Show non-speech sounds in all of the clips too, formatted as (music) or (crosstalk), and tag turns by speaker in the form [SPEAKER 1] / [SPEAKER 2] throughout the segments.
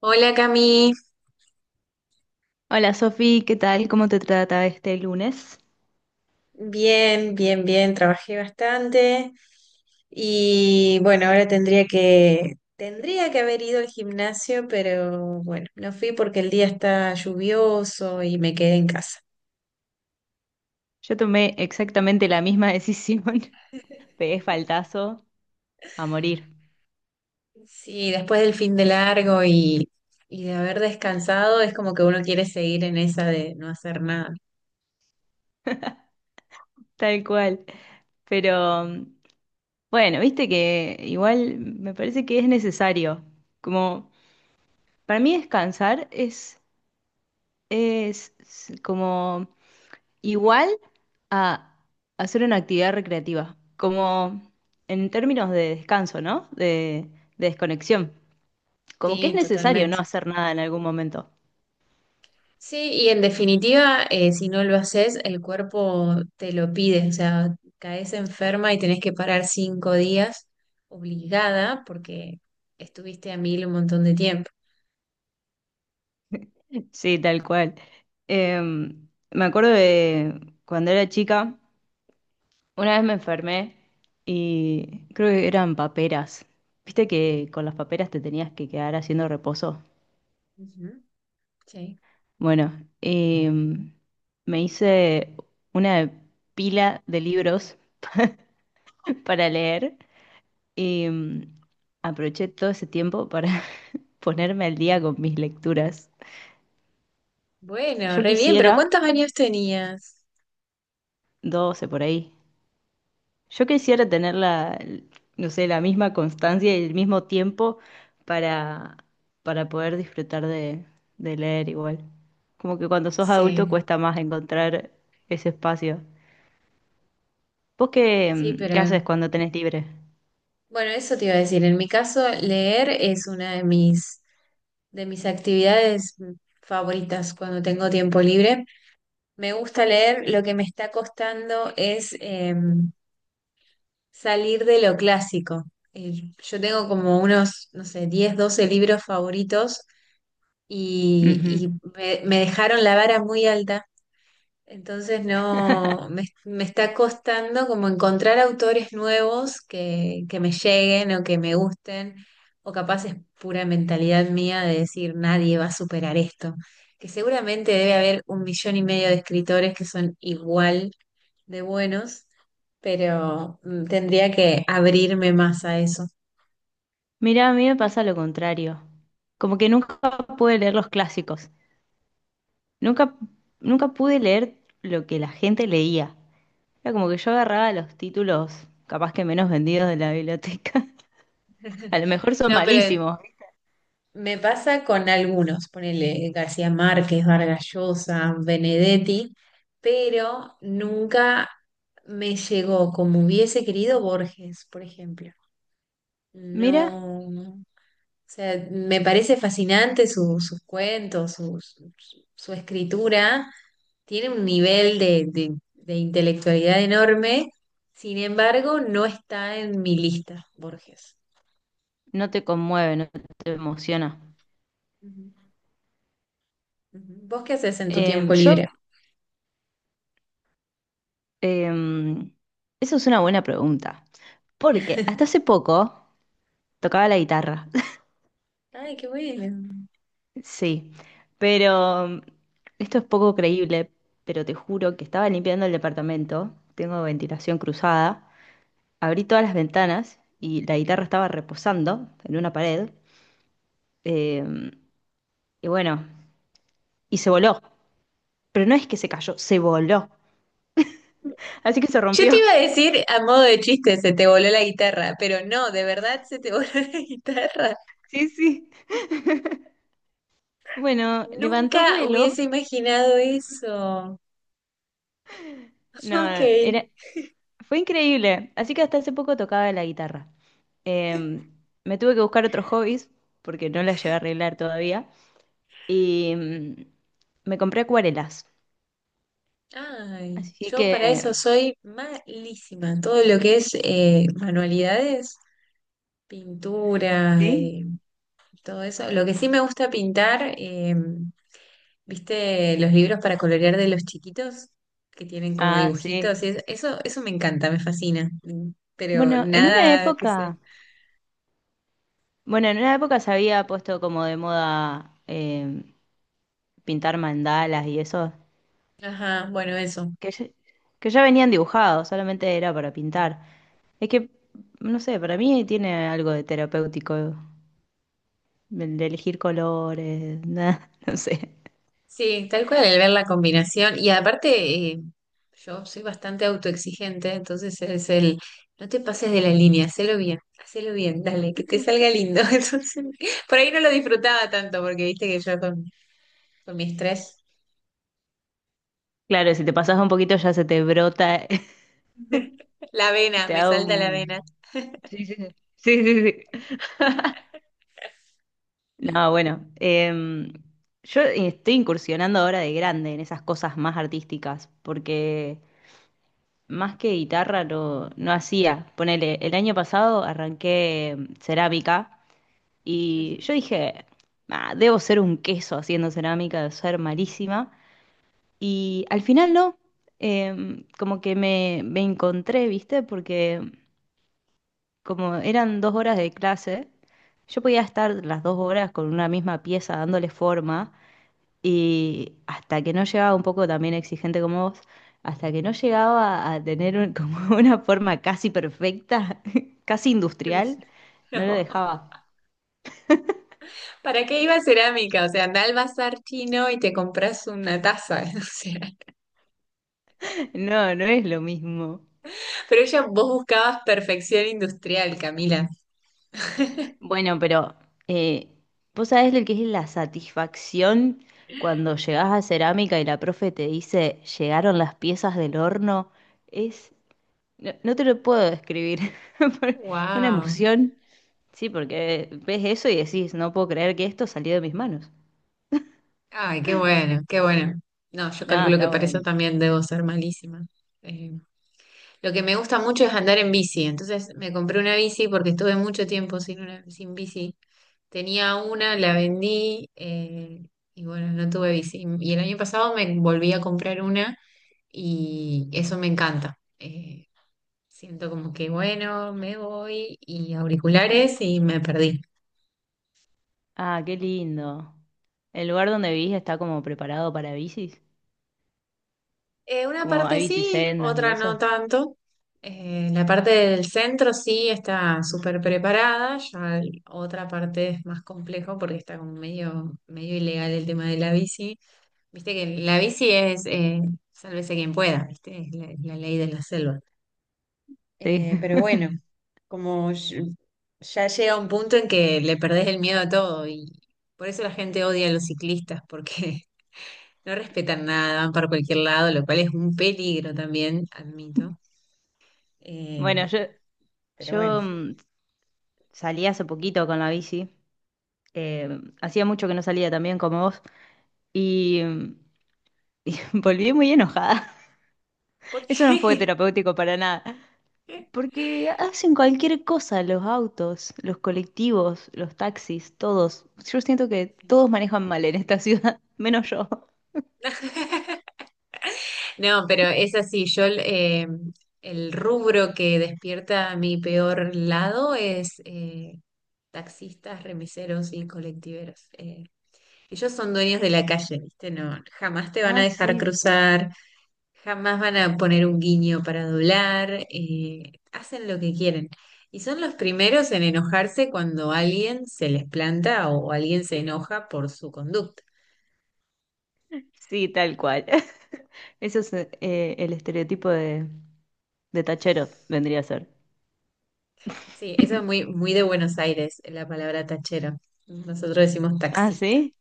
[SPEAKER 1] Hola Cami,
[SPEAKER 2] Hola Sofi, ¿qué tal? ¿Cómo te trata este lunes?
[SPEAKER 1] bien, bien, bien, trabajé bastante y bueno, ahora tendría que haber ido al gimnasio, pero bueno, no fui porque el día está lluvioso y me quedé en casa.
[SPEAKER 2] Yo tomé exactamente la misma decisión. (laughs) Pegué faltazo a morir,
[SPEAKER 1] Sí, después del fin de largo y de haber descansado, es como que uno quiere seguir en esa de no hacer nada.
[SPEAKER 2] tal cual. Pero bueno, viste que igual me parece que es necesario. Como para mí descansar es como igual a hacer una actividad recreativa. Como en términos de descanso, ¿no? De desconexión. Como que es
[SPEAKER 1] Sí,
[SPEAKER 2] necesario no
[SPEAKER 1] totalmente.
[SPEAKER 2] hacer nada en algún momento.
[SPEAKER 1] Sí, y en definitiva, si no lo haces, el cuerpo te lo pide, o sea, caes enferma y tenés que parar 5 días obligada porque estuviste a mil un montón de tiempo.
[SPEAKER 2] Sí, tal cual. Me acuerdo de cuando era chica, una vez me enfermé y creo que eran paperas. ¿Viste que con las paperas te tenías que quedar haciendo reposo?
[SPEAKER 1] Ujú. Sí.
[SPEAKER 2] Bueno, me hice una pila de libros (laughs) para leer y aproveché todo ese tiempo para (laughs) ponerme al día con mis lecturas.
[SPEAKER 1] Bueno,
[SPEAKER 2] Yo
[SPEAKER 1] re bien, pero
[SPEAKER 2] quisiera
[SPEAKER 1] ¿cuántos años tenías?
[SPEAKER 2] 12 por ahí. Yo quisiera tener la, no sé, la misma constancia y el mismo tiempo para, para poder disfrutar de leer igual. Como que cuando sos adulto
[SPEAKER 1] Sí,
[SPEAKER 2] cuesta más encontrar ese espacio. ¿Vos qué,
[SPEAKER 1] sí,
[SPEAKER 2] qué haces
[SPEAKER 1] pero
[SPEAKER 2] cuando tenés libre?
[SPEAKER 1] bueno, eso te iba a decir. En mi caso, leer es una de mis actividades favoritas cuando tengo tiempo libre. Me gusta leer, lo que me está costando es salir de lo clásico. Yo tengo como unos, no sé, 10 12 libros favoritos y,
[SPEAKER 2] Ujú.
[SPEAKER 1] y me, me dejaron la vara muy alta entonces no, me,
[SPEAKER 2] (laughs)
[SPEAKER 1] me está costando como encontrar autores nuevos que me lleguen o que me gusten, o capaz es pura mentalidad mía de decir nadie va a superar esto, que seguramente debe haber un millón y medio de escritores que son igual de buenos, pero tendría que abrirme más a eso.
[SPEAKER 2] Mirá, a mí me pasa lo contrario. Como que nunca pude leer los clásicos. Nunca, nunca pude leer lo que la gente leía. Era como que yo agarraba los títulos capaz que menos vendidos de la biblioteca. A
[SPEAKER 1] (laughs)
[SPEAKER 2] lo mejor son
[SPEAKER 1] No, pero
[SPEAKER 2] malísimos.
[SPEAKER 1] me pasa con algunos, ponele García Márquez, Vargas Llosa, Benedetti, pero nunca me llegó como hubiese querido Borges, por ejemplo.
[SPEAKER 2] Mira,
[SPEAKER 1] No, o sea, me parece fascinante sus cuentos, su escritura, tiene un nivel de intelectualidad enorme, sin embargo, no está en mi lista, Borges.
[SPEAKER 2] no te conmueve, no te emociona.
[SPEAKER 1] Ujú, ujú. ¿Vos qué haces en tu
[SPEAKER 2] Em,
[SPEAKER 1] tiempo
[SPEAKER 2] yo,
[SPEAKER 1] libre?
[SPEAKER 2] em, eso es una buena pregunta, porque hasta hace poco tocaba la guitarra,
[SPEAKER 1] Ay, qué bueno.
[SPEAKER 2] (laughs) sí, pero esto es poco creíble, pero te juro que estaba limpiando el departamento, tengo ventilación cruzada, abrí todas las ventanas y la guitarra estaba reposando en una pared, em, y bueno, y se voló, pero no es que se cayó, se voló, así que se
[SPEAKER 1] Yo te
[SPEAKER 2] rompió.
[SPEAKER 1] iba a decir a modo de chiste, se te voló la guitarra, pero no, de verdad se te voló (laughs) la guitarra.
[SPEAKER 2] Sí, sí. Bueno, levantó
[SPEAKER 1] Nunca
[SPEAKER 2] vuelo.
[SPEAKER 1] hubiese imaginado eso.
[SPEAKER 2] No,
[SPEAKER 1] Ok.
[SPEAKER 2] era, fue increíble. Así que hasta hace poco tocaba la guitarra. Eh, me tuve que buscar otros hobbies porque no las llevé a arreglar todavía. Y me compré acuarelas.
[SPEAKER 1] Ay,
[SPEAKER 2] Así
[SPEAKER 1] yo para eso
[SPEAKER 2] que,
[SPEAKER 1] soy malísima. Todo lo que es manualidades, pintura,
[SPEAKER 2] ¿sí?
[SPEAKER 1] todo eso. Lo que sí me gusta pintar. ¿Viste los libros para colorear de los chiquitos que tienen como
[SPEAKER 2] Ah, sí.
[SPEAKER 1] dibujitos? Eso, eso me encanta, me fascina. Pero
[SPEAKER 2] Bueno, en una
[SPEAKER 1] nada que sé.
[SPEAKER 2] época, bueno, en una época se había puesto como de moda pintar mandalas y eso,
[SPEAKER 1] Ajá, bueno, eso.
[SPEAKER 2] que ya, que ya venían dibujados, solamente era para pintar. Es que, no sé, para mí tiene algo de terapéutico, el de elegir colores, nada, (laughs) no sé.
[SPEAKER 1] Sí, tal cual el ver la combinación. Y aparte, eh, yo soy bastante autoexigente, entonces es el, no te pases de la línea, hacelo bien, dale, que te salga lindo. (laughs) Entonces, por ahí no lo disfrutaba tanto, porque viste que yo con mi estrés,
[SPEAKER 2] Claro, si te pasas un poquito ya se te brota, (laughs)
[SPEAKER 1] (laughs) la vena,
[SPEAKER 2] te
[SPEAKER 1] me
[SPEAKER 2] da
[SPEAKER 1] salta la
[SPEAKER 2] un...
[SPEAKER 1] vena.
[SPEAKER 2] Sí, sí, sí. Sí, sí, sí. No, bueno, yo estoy incursionando ahora de grande en esas cosas más artísticas, porque más que guitarra no, no hacía. Ponele, el año pasado arranqué cerámica. Y
[SPEAKER 1] Ujú.
[SPEAKER 2] yo dije, "Ah, debo ser un queso haciendo cerámica, debo ser malísima". Y al final no, como que me encontré, ¿viste? Porque como eran dos horas de clase, yo podía estar las dos horas con una misma pieza dándole forma y hasta que no llegaba un poco también exigente como vos, hasta que no llegaba a tener un- como (laughs) una forma casi perfecta, (laughs) casi industrial,
[SPEAKER 1] (laughs)
[SPEAKER 2] no lo
[SPEAKER 1] No.
[SPEAKER 2] dejaba.
[SPEAKER 1] ¿Para qué iba a cerámica? O sea, anda al bazar chino y te compras una taza. (laughs) O sea,
[SPEAKER 2] No, no es lo mismo.
[SPEAKER 1] pero ella, vos buscabas perfección industrial, Camila. (laughs)
[SPEAKER 2] Bueno, pero eh, vos sabés lo que es la satisfacción cuando llegás a cerámica y la profe te dice, llegaron las piezas del horno. Es, no, no te lo puedo describir. (laughs) Fue una
[SPEAKER 1] Wow.
[SPEAKER 2] emoción. Sí, porque ves eso y decís, no puedo creer que esto salió de mis manos.
[SPEAKER 1] Ay, qué bueno, qué bueno. No, yo
[SPEAKER 2] Nada,
[SPEAKER 1] calculo que
[SPEAKER 2] está
[SPEAKER 1] para eso
[SPEAKER 2] bueno.
[SPEAKER 1] también debo ser malísima. Eh, lo que me gusta mucho es andar en bici. Entonces me compré una bici porque estuve mucho tiempo sin una, sin bici. Tenía una, la vendí y bueno, no tuve bici. Y el año pasado me volví a comprar una y eso me encanta. Siento como que, bueno, me voy y auriculares y me perdí.
[SPEAKER 2] Ah, qué lindo. ¿El lugar donde vivís está como preparado para bicis?
[SPEAKER 1] Una
[SPEAKER 2] Como
[SPEAKER 1] parte
[SPEAKER 2] hay
[SPEAKER 1] sí,
[SPEAKER 2] bicisendas y
[SPEAKER 1] otra no
[SPEAKER 2] eso.
[SPEAKER 1] tanto. La parte del centro sí está súper preparada, otra parte es más complejo porque está como medio, medio ilegal el tema de la bici. Viste que la bici es, sálvese quien pueda, ¿viste? Es la, la ley de la selva.
[SPEAKER 2] Sí.
[SPEAKER 1] Eh,
[SPEAKER 2] (laughs)
[SPEAKER 1] pero bueno, como ll- ya llega un punto en que le perdés el miedo a todo y por eso la gente odia a los ciclistas, porque (laughs) no respetan nada, van para cualquier lado, lo cual es un peligro también, admito. Eh,
[SPEAKER 2] Bueno, yo,
[SPEAKER 1] pero bueno,
[SPEAKER 2] yo salí hace poquito con la bici. Eh, hacía mucho que no salía también como vos y, y (laughs) volví muy enojada.
[SPEAKER 1] ¿por
[SPEAKER 2] (laughs) Eso no fue
[SPEAKER 1] qué?
[SPEAKER 2] terapéutico para nada,
[SPEAKER 1] (laughs)
[SPEAKER 2] porque hacen cualquier cosa los autos, los colectivos, los taxis, todos. Yo siento que todos manejan mal en esta ciudad, (laughs) menos yo.
[SPEAKER 1] No, pero es así, yo el rubro que despierta mi peor lado es taxistas, remiseros y colectiveros. Ellos son dueños de la calle, ¿viste? No, jamás te van a
[SPEAKER 2] Ah,
[SPEAKER 1] dejar
[SPEAKER 2] sí, ¿viste?
[SPEAKER 1] cruzar, jamás van a poner un guiño para doblar, hacen lo que quieren. Y son los primeros en enojarse cuando alguien se les planta o alguien se enoja por su conducta.
[SPEAKER 2] Sí, tal cual. (laughs) Eso es el estereotipo de tachero, vendría a ser.
[SPEAKER 1] Sí, eso es muy,
[SPEAKER 2] (laughs)
[SPEAKER 1] muy de Buenos Aires, la palabra tachero. Nosotros decimos
[SPEAKER 2] Ah,
[SPEAKER 1] taxista.
[SPEAKER 2] sí.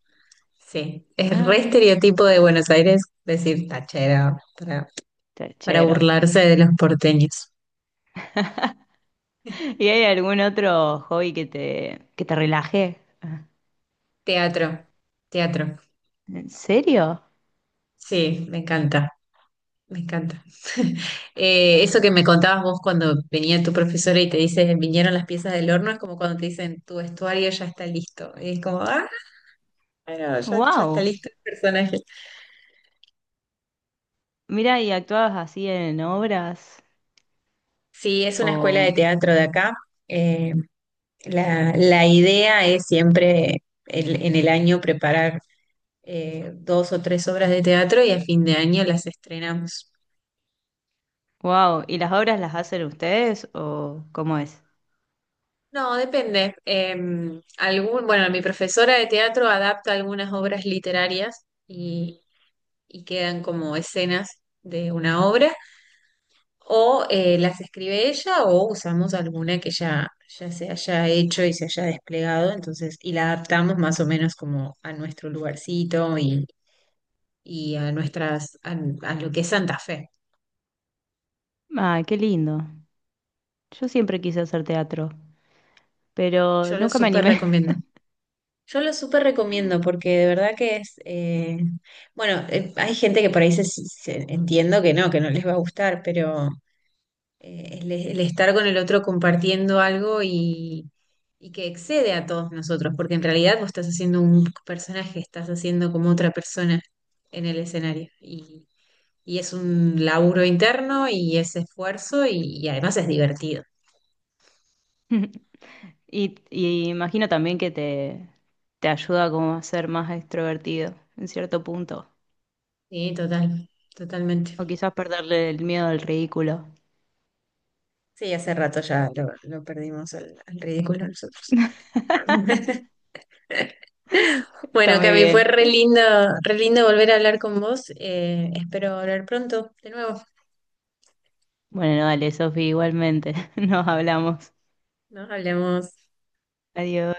[SPEAKER 1] Sí, es
[SPEAKER 2] Ah,
[SPEAKER 1] re
[SPEAKER 2] mira.
[SPEAKER 1] estereotipo de Buenos Aires decir tachero para
[SPEAKER 2] Tachero.
[SPEAKER 1] burlarse de los porteños.
[SPEAKER 2] (laughs) ¿Y
[SPEAKER 1] (laughs)
[SPEAKER 2] hay algún otro hobby que te relaje? Ah,
[SPEAKER 1] Teatro, teatro.
[SPEAKER 2] ¿en serio?
[SPEAKER 1] Sí, me encanta, me encanta. (laughs) Eso que me contabas vos cuando venía tu profesora y te dice, vinieron las piezas del horno, es como cuando te dicen, tu vestuario ya está listo. Y es como, ah, bueno, ya, ya está
[SPEAKER 2] ¡Wow!
[SPEAKER 1] listo el personaje.
[SPEAKER 2] Mira, ¿y actuabas así en obras?
[SPEAKER 1] Sí, es una escuela de
[SPEAKER 2] O,
[SPEAKER 1] teatro de acá. Eh, la idea es siempre en el año preparar dos o tres obras de teatro y a fin de año las estrenamos.
[SPEAKER 2] wow, ¿y las obras las hacen ustedes o cómo es?
[SPEAKER 1] No, depende. Algún, bueno, mi profesora de teatro adapta algunas obras literarias y quedan como escenas de una obra, o las escribe ella o usamos alguna que ya se haya hecho y se haya desplegado, entonces, y la adaptamos más o menos como a nuestro lugarcito y a nuestras, a lo que es Santa Fe.
[SPEAKER 2] Ah, qué lindo. Yo siempre quise hacer teatro, pero
[SPEAKER 1] Yo lo
[SPEAKER 2] nunca me
[SPEAKER 1] súper
[SPEAKER 2] animé.
[SPEAKER 1] recomiendo. Yo lo súper recomiendo porque de verdad que es, bueno, hay gente que por ahí entiendo que no les va a gustar, pero el estar con el otro compartiendo algo y que excede a todos nosotros, porque en realidad vos estás haciendo un personaje, estás haciendo como otra persona en el escenario y es un laburo interno y es esfuerzo y además es divertido.
[SPEAKER 2] (laughs) Y, y imagino también que te ayuda como a ser más extrovertido en cierto punto.
[SPEAKER 1] Sí, total, totalmente.
[SPEAKER 2] O quizás perderle el miedo al ridículo.
[SPEAKER 1] Sí, hace rato ya lo perdimos al ridículo nosotros. (laughs)
[SPEAKER 2] Está
[SPEAKER 1] Bueno,
[SPEAKER 2] muy
[SPEAKER 1] Cami, fue
[SPEAKER 2] bien.
[SPEAKER 1] re lindo volver a hablar con vos. Espero hablar pronto de nuevo.
[SPEAKER 2] Bueno, dale, Sofi, igualmente. (laughs) Nos hablamos.
[SPEAKER 1] Nos hablemos.
[SPEAKER 2] Adiós.